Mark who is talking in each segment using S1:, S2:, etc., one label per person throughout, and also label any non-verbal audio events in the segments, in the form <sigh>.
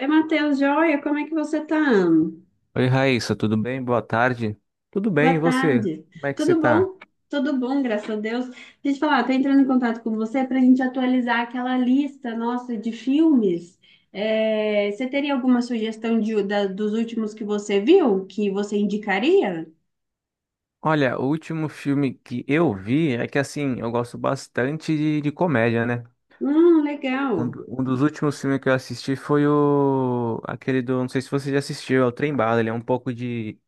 S1: Oi, Matheus, joia, como é que você tá?
S2: Oi, Raíssa, tudo bem? Boa tarde. Tudo
S1: Boa
S2: bem, e você?
S1: tarde.
S2: Como é que você
S1: Tudo
S2: tá?
S1: bom? Tudo bom, graças a Deus. Deixa eu te falar, tô entrando em contato com você para a gente atualizar aquela lista nossa de filmes. É, você teria alguma sugestão dos últimos que você viu, que você indicaria?
S2: Olha, o último filme que eu vi é que, assim, eu gosto bastante de comédia, né?
S1: Legal.
S2: Um dos últimos filmes que eu assisti foi o aquele do, não sei se você já assistiu, é o Trem Bala. Ele é um pouco de...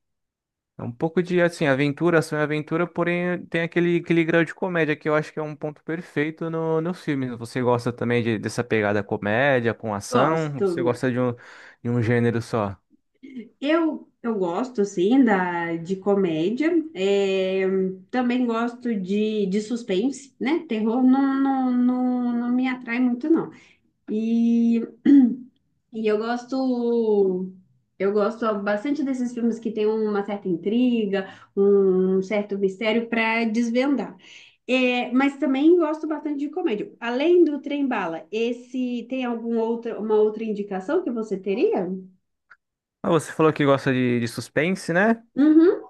S2: é um pouco de, assim, aventura, ação e aventura, porém tem aquele grau de comédia que eu acho que é um ponto perfeito no filme. Você gosta também dessa pegada comédia com ação?
S1: Gosto.
S2: Você gosta de um gênero só?
S1: Eu gosto, sim, de comédia. É, também gosto de suspense, né? Terror não, não me atrai muito, não. E, e eu eu gosto bastante desses filmes que tem uma certa intriga, um certo mistério para desvendar. É, mas também gosto bastante de comédia. Além do Trem Bala, esse tem algum outra, uma outra indicação que você teria?
S2: Ah, você falou que gosta de suspense, né?
S1: Uhum.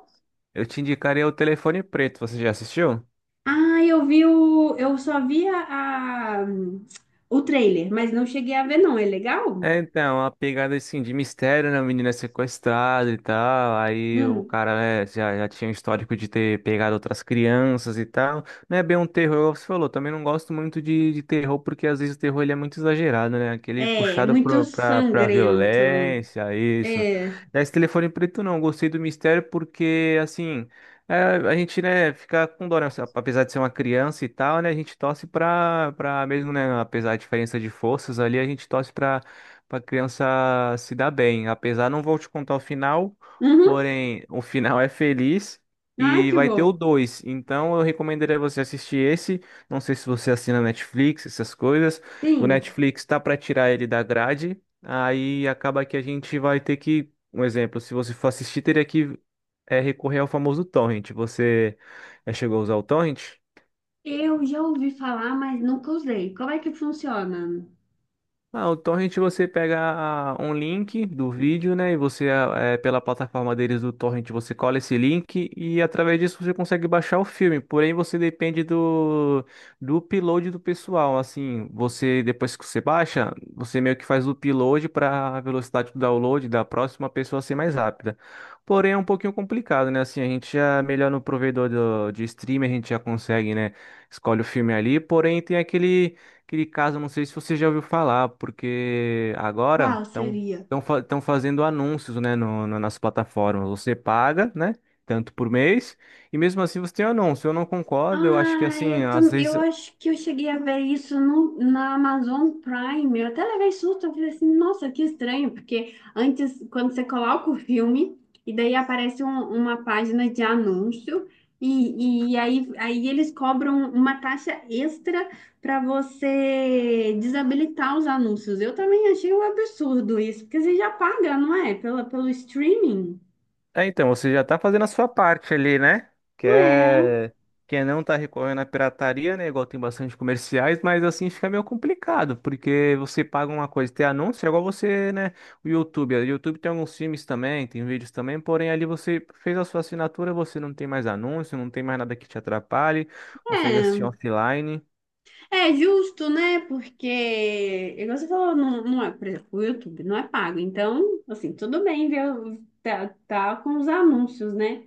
S2: Eu te indicaria o Telefone Preto. Você já assistiu?
S1: Ah, eu vi eu só vi o trailer, mas não cheguei a ver não. É legal?
S2: É, então, a pegada assim de mistério, né? O menino é sequestrado e tal. Aí o
S1: Hum.
S2: cara, né, já tinha um histórico de ter pegado outras crianças e tal. Não é bem um terror, igual você falou. Também não gosto muito de terror, porque às vezes o terror ele é muito exagerado, né? Aquele
S1: É
S2: puxado
S1: muito
S2: pra
S1: sangrento.
S2: violência, isso.
S1: É.
S2: É, esse telefone preto não, gostei do mistério porque, assim, é, a gente, né, fica com dó, né? Apesar de ser uma criança e tal, né? A gente torce pra mesmo, né? Apesar da diferença de forças ali, a gente torce pra para criança se dar bem. Apesar, não vou te contar o final,
S1: Uhum.
S2: porém, o final é feliz
S1: Ah,
S2: e
S1: que
S2: vai ter o
S1: bom.
S2: 2. Então, eu recomendaria você assistir esse. Não sei se você assina Netflix, essas coisas. O
S1: Sim,
S2: Netflix tá para tirar ele da grade, aí acaba que a gente vai ter que, um exemplo, se você for assistir, teria que recorrer ao famoso torrent. Você já chegou a usar o torrent?
S1: eu já ouvi falar, mas nunca usei. Como é que funciona?
S2: Ah, o torrent você pega um link do vídeo, né? E você, pela plataforma deles do torrent, você cola esse link e através disso você consegue baixar o filme. Porém, você depende do upload do pessoal. Assim, você, depois que você baixa, você meio que faz o upload para a velocidade do download da próxima pessoa ser mais rápida. Porém, é um pouquinho complicado, né? Assim, a gente já é melhor no provedor de streaming, a gente já consegue, né? Escolhe o filme ali. Porém, tem aquele caso, não sei se você já ouviu falar, porque agora
S1: Qual
S2: estão
S1: seria?
S2: fazendo anúncios, né, nas plataformas. Você paga, né, tanto por mês, e mesmo assim você tem um anúncio. Eu não concordo, eu acho que
S1: Ah,
S2: assim, às vezes
S1: eu acho que eu cheguei a ver isso no, na Amazon Prime. Eu até levei susto, eu falei assim, nossa, que estranho, porque antes, quando você coloca o filme, e daí aparece uma página de anúncio, aí eles cobram uma taxa extra para você desabilitar os anúncios. Eu também achei um absurdo isso, porque você já paga, não é? Pela, pelo streaming.
S2: é, então, você já tá fazendo a sua parte ali, né? Que
S1: Não é?
S2: é... que é não tá recorrendo à pirataria, né? Igual tem bastante comerciais, mas assim fica meio complicado, porque você paga uma coisa, tem anúncio, é igual você, né? O YouTube. O YouTube tem alguns filmes também, tem vídeos também, porém ali você fez a sua assinatura, você não tem mais anúncio, não tem mais nada que te atrapalhe, consegue assistir
S1: É.
S2: offline.
S1: É justo, né? Porque, igual você falou, não é, por exemplo, o YouTube não é pago. Então, assim, tudo bem ver, tá, tá com os anúncios, né?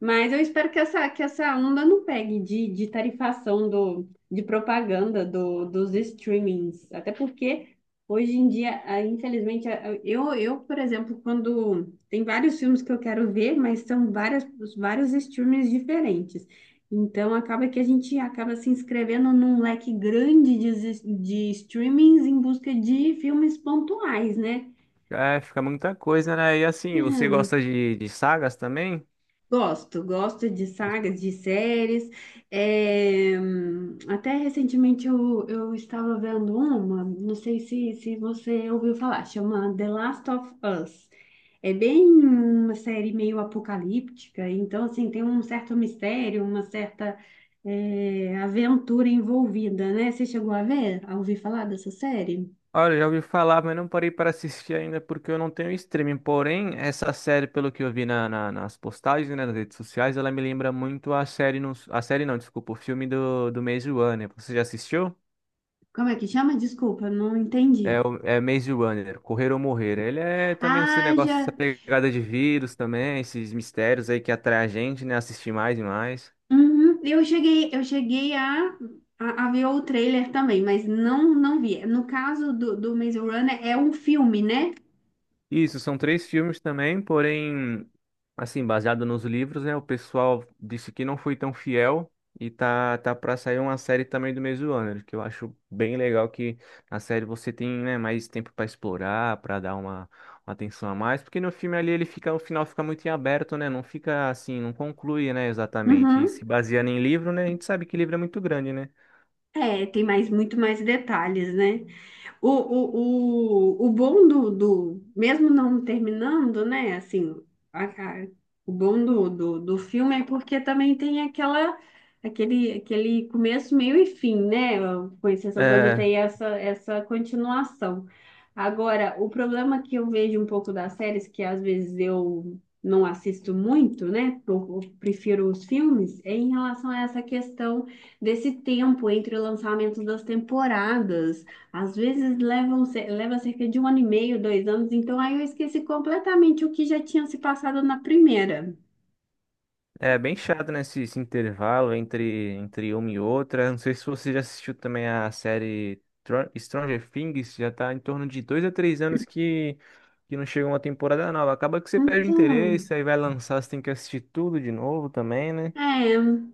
S1: Mas eu espero que que essa onda não pegue de tarifação do, de propaganda dos streamings. Até porque hoje em dia, ah, infelizmente, ah, por exemplo, quando tem vários filmes que eu quero ver, mas são várias, vários streamings diferentes. Então acaba que a gente acaba se inscrevendo num leque grande de streamings em busca de filmes pontuais, né?
S2: É, fica muita coisa, né? E assim, você gosta de sagas também?
S1: Gosto, gosto de sagas, de séries. É, até recentemente eu estava vendo uma, não sei se você ouviu falar, chama The Last of Us. É bem uma série meio apocalíptica, então assim, tem um certo mistério, uma certa é, aventura envolvida, né? Você chegou a ver, a ouvir falar dessa série?
S2: Olha, já ouvi falar, mas não parei para assistir ainda porque eu não tenho streaming. Porém, essa série, pelo que eu vi nas postagens, né, nas redes sociais, ela me lembra muito a série, no, a série não, desculpa, o filme do Maze Runner. Você já assistiu?
S1: Como é que chama? Desculpa, não entendi.
S2: É, é Maze Runner, Correr ou Morrer. Ele é também esse
S1: Ah,
S2: negócio,
S1: já.
S2: essa pegada de vírus também, esses mistérios aí que atrai a gente, né, assistir mais e mais.
S1: Uhum. Eu cheguei a ver o trailer também, mas não vi. No caso do Maze Runner, é um filme, né?
S2: Isso, são três filmes também, porém, assim, baseado nos livros, né? O pessoal disse que não foi tão fiel e tá, tá pra sair uma série também do mesmo ano, que eu acho bem legal que na série você tem, né, mais tempo pra explorar, pra dar uma atenção a mais, porque no filme ali ele fica, o final fica muito em aberto, né? Não fica assim, não conclui, né, exatamente. E
S1: Uhum.
S2: se baseando em livro, né? A gente sabe que livro é muito grande, né?
S1: É, tem mais, muito mais detalhes, né? O bom mesmo não terminando, né? Assim, a- a- o bom do filme é porque também tem aquela, aquele começo, meio e fim, né? Com exceção quando
S2: É,
S1: tem essa continuação. Agora, o problema que eu vejo um pouco das séries, que às vezes eu não assisto muito, né? Eu prefiro os filmes, é em relação a essa questão desse tempo entre o lançamento das temporadas. Às vezes leva cerca de um ano e meio, dois anos, então aí eu esqueci completamente o que já tinha se passado na primeira.
S2: é bem chato, né, esse intervalo entre uma e outra. Não sei se você já assistiu também a série Stranger Things, já tá em torno de 2 a 3 anos que não chega uma temporada nova. Acaba que você perde o
S1: Então,
S2: interesse, aí vai lançar, você tem que assistir tudo de novo também, né?
S1: é,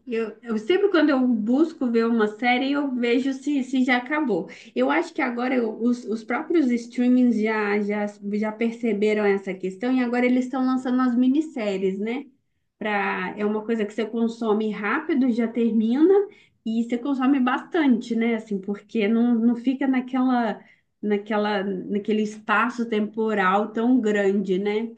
S1: eu sempre quando eu busco ver uma série, eu vejo se já acabou. Eu acho que agora os próprios streamings já perceberam essa questão e agora eles estão lançando as minisséries, né? Pra, é uma coisa que você consome rápido, já termina, e você consome bastante, né? Assim, porque não fica naquele espaço temporal tão grande, né?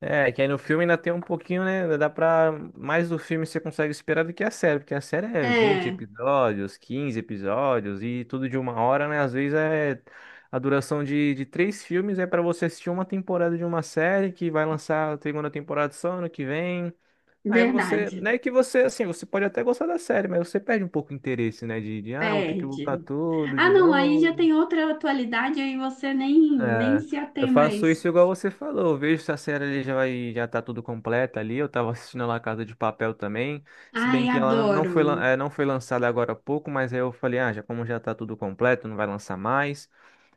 S2: É, que aí no filme ainda tem um pouquinho, né? Ainda dá pra. Mais do filme você consegue esperar do que a série, porque a série é 20
S1: É,
S2: episódios, 15 episódios e tudo de 1 hora, né? Às vezes é. A duração de três filmes é pra você assistir uma temporada de uma série que vai lançar a segunda temporada só ano que vem. Aí você. Não
S1: verdade.
S2: é que você, assim, você pode até gostar da série, mas você perde um pouco o interesse, né? Vou ter que voltar
S1: Perde.
S2: tudo
S1: Ah,
S2: de
S1: não, aí já
S2: novo.
S1: tem outra atualidade, aí você nem
S2: É,
S1: se
S2: eu
S1: atém
S2: faço isso
S1: mais.
S2: igual você falou. Eu vejo se a série ali já vai, já tá tudo completa ali. Eu tava assistindo lá Casa de Papel também. Se bem
S1: Ai,
S2: que ela não
S1: adoro.
S2: foi, não foi lançada agora há pouco, mas aí eu falei, ah, já como já tá tudo completo, não vai lançar mais.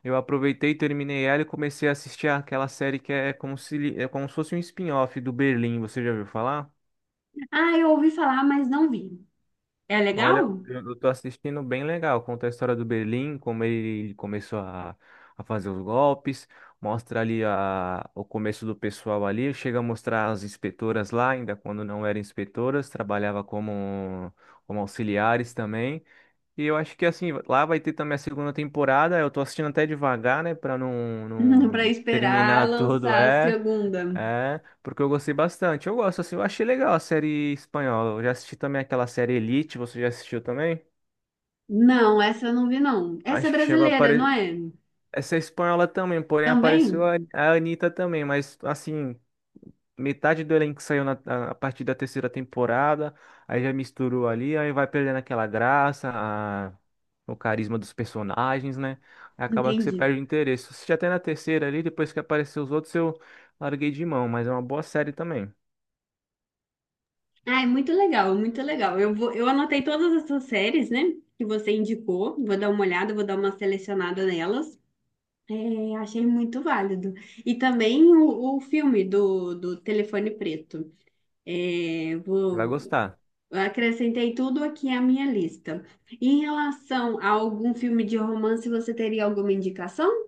S2: Eu aproveitei, terminei ela e comecei a assistir aquela série que é como se fosse um spin-off do Berlim. Você já ouviu falar?
S1: Ah, eu ouvi falar, mas não vi. É
S2: Olha,
S1: legal?
S2: eu tô assistindo bem legal. Conta a história do Berlim, como ele começou a fazer os golpes, mostra ali o começo do pessoal ali, chega a mostrar as inspetoras lá, ainda quando não eram inspetoras, trabalhava como auxiliares também. E eu acho que assim, lá vai ter também a segunda temporada. Eu tô assistindo até devagar, né, pra não, não,
S1: <laughs> Pra
S2: não
S1: esperar
S2: terminar <laughs> tudo,
S1: lançar a
S2: é.
S1: segunda.
S2: É, porque eu gostei bastante. Eu gosto, assim, eu achei legal a série espanhola. Eu já assisti também aquela série Elite, você já assistiu também?
S1: Não, essa eu não vi, não. Essa é
S2: Acho que chegou a
S1: brasileira, não
S2: aparecer.
S1: é?
S2: Essa é espanhola também, porém apareceu
S1: Também?
S2: a Anitta também, mas assim, metade do elenco saiu a partir da terceira temporada, aí já misturou ali, aí vai perdendo aquela graça, o carisma dos personagens, né? Aí acaba que você
S1: Entendi.
S2: perde o interesse. Eu assisti até na terceira ali, depois que apareceu os outros, eu larguei de mão, mas é uma boa série também.
S1: Ai, muito legal, muito legal. Eu vou, eu anotei todas essas séries, né, que você indicou. Vou dar uma olhada, vou dar uma selecionada nelas. É, achei muito válido. E também o filme do Telefone Preto. É,
S2: Vai
S1: vou,
S2: gostar.
S1: acrescentei tudo aqui à minha lista. Em relação a algum filme de romance, você teria alguma indicação?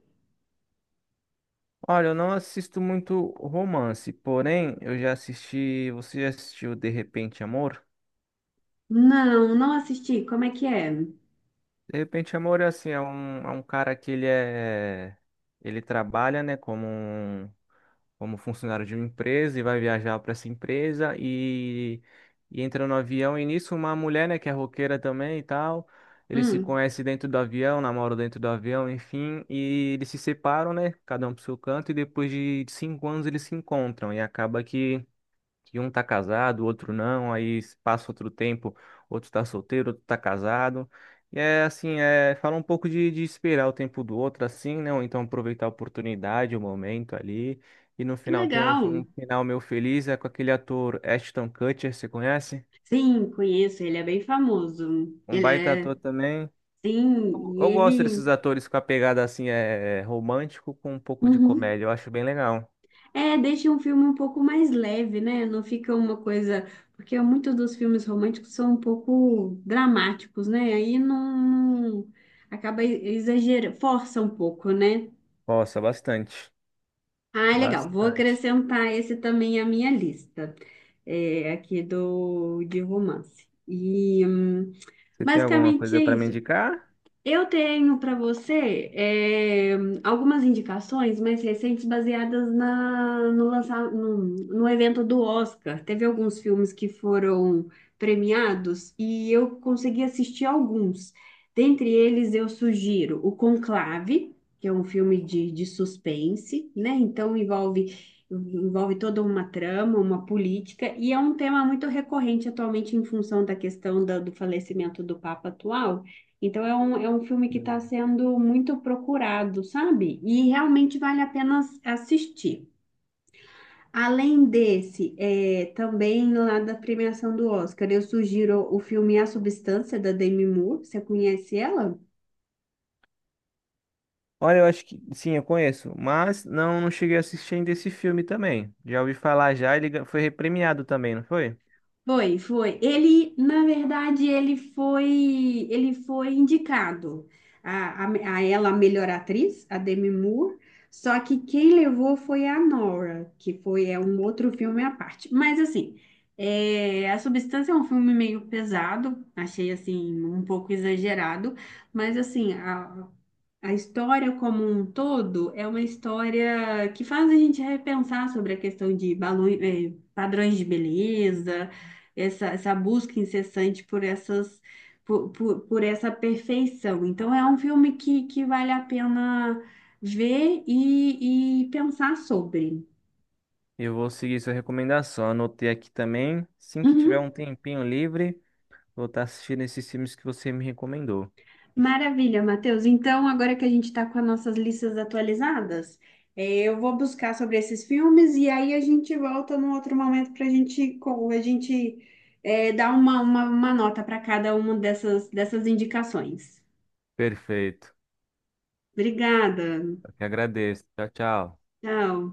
S2: Olha, eu não assisto muito romance, porém eu já assisti. Você já assistiu De Repente Amor?
S1: Não, não assisti. Como é?
S2: De Repente Amor é assim, é um cara que ele é. Ele trabalha, né, como funcionário de uma empresa e vai viajar para essa empresa e entra no avião. E nisso, uma mulher, né, que é roqueira também e tal. Eles se
S1: Hum,
S2: conhecem dentro do avião, namoram dentro do avião, enfim, e eles se separam, né? Cada um pro seu canto, e depois de 5 anos eles se encontram. E acaba que um tá casado, o outro não, aí passa outro tempo, outro tá solteiro, outro tá casado. E é assim, é, fala um pouco de esperar o tempo do outro assim, né? Ou então aproveitar a oportunidade, o momento ali. E no
S1: que
S2: final tem um,
S1: legal.
S2: um final meu feliz, é com aquele ator Ashton Kutcher, você conhece?
S1: Sim, conheço. Ele é bem famoso.
S2: Um
S1: Ele
S2: baita
S1: é.
S2: ator também. Eu,
S1: Sim, e
S2: eu gosto
S1: ele.
S2: desses atores com a pegada assim, é romântico com um pouco de
S1: Uhum.
S2: comédia, eu acho bem legal.
S1: É, deixa um filme um pouco mais leve, né? Não fica uma coisa. Porque muitos dos filmes românticos são um pouco dramáticos, né? Aí não. não- Acaba exagerando, força um pouco, né?
S2: Nossa, bastante.
S1: Ah, legal. Vou
S2: Bastante.
S1: acrescentar esse também à minha lista, é, aqui do de romance. E
S2: Você tem alguma
S1: basicamente
S2: coisa
S1: é
S2: para me
S1: isso.
S2: indicar?
S1: Eu tenho para você eh, algumas indicações mais recentes baseadas na, no, lança- no, no evento do Oscar. Teve alguns filmes que foram premiados e eu consegui assistir alguns. Dentre eles, eu sugiro o Conclave, que é um filme de suspense, né? Então envolve, envolve toda uma trama, uma política, e é um tema muito recorrente atualmente em função da questão do falecimento do Papa atual. Então é um filme que está sendo muito procurado, sabe? E realmente vale a pena assistir. Além desse, é, também lá da premiação do Oscar, eu sugiro o filme A Substância, da Demi Moore. Você conhece ela?
S2: Olha, eu acho que sim, eu conheço, mas não cheguei a assistir ainda esse filme também. Já ouvi falar já, ele foi repremiado também, não foi?
S1: Foi, foi. Ele, na verdade, ele foi indicado a ela a melhor atriz, a Demi Moore. Só que quem levou foi a Nora, que foi é um outro filme à parte. Mas assim, é, A Substância é um filme meio pesado, achei assim um pouco exagerado, mas assim a história como um todo é uma história que faz a gente repensar sobre a questão de balões, eh, padrões de beleza essa busca incessante por essas por essa perfeição. Então é um filme que vale a pena ver e pensar sobre.
S2: Eu vou seguir sua recomendação, anotei aqui também. Assim que tiver
S1: Uhum.
S2: um tempinho livre, vou estar assistindo esses filmes que você me recomendou.
S1: Maravilha, Matheus. Então, agora que a gente está com as nossas listas atualizadas, é, eu vou buscar sobre esses filmes e aí a gente volta num outro momento para a gente, a gente é, dar uma nota para cada uma dessas, dessas indicações.
S2: Perfeito.
S1: Obrigada.
S2: Eu que agradeço. Tchau, tchau.
S1: Tchau.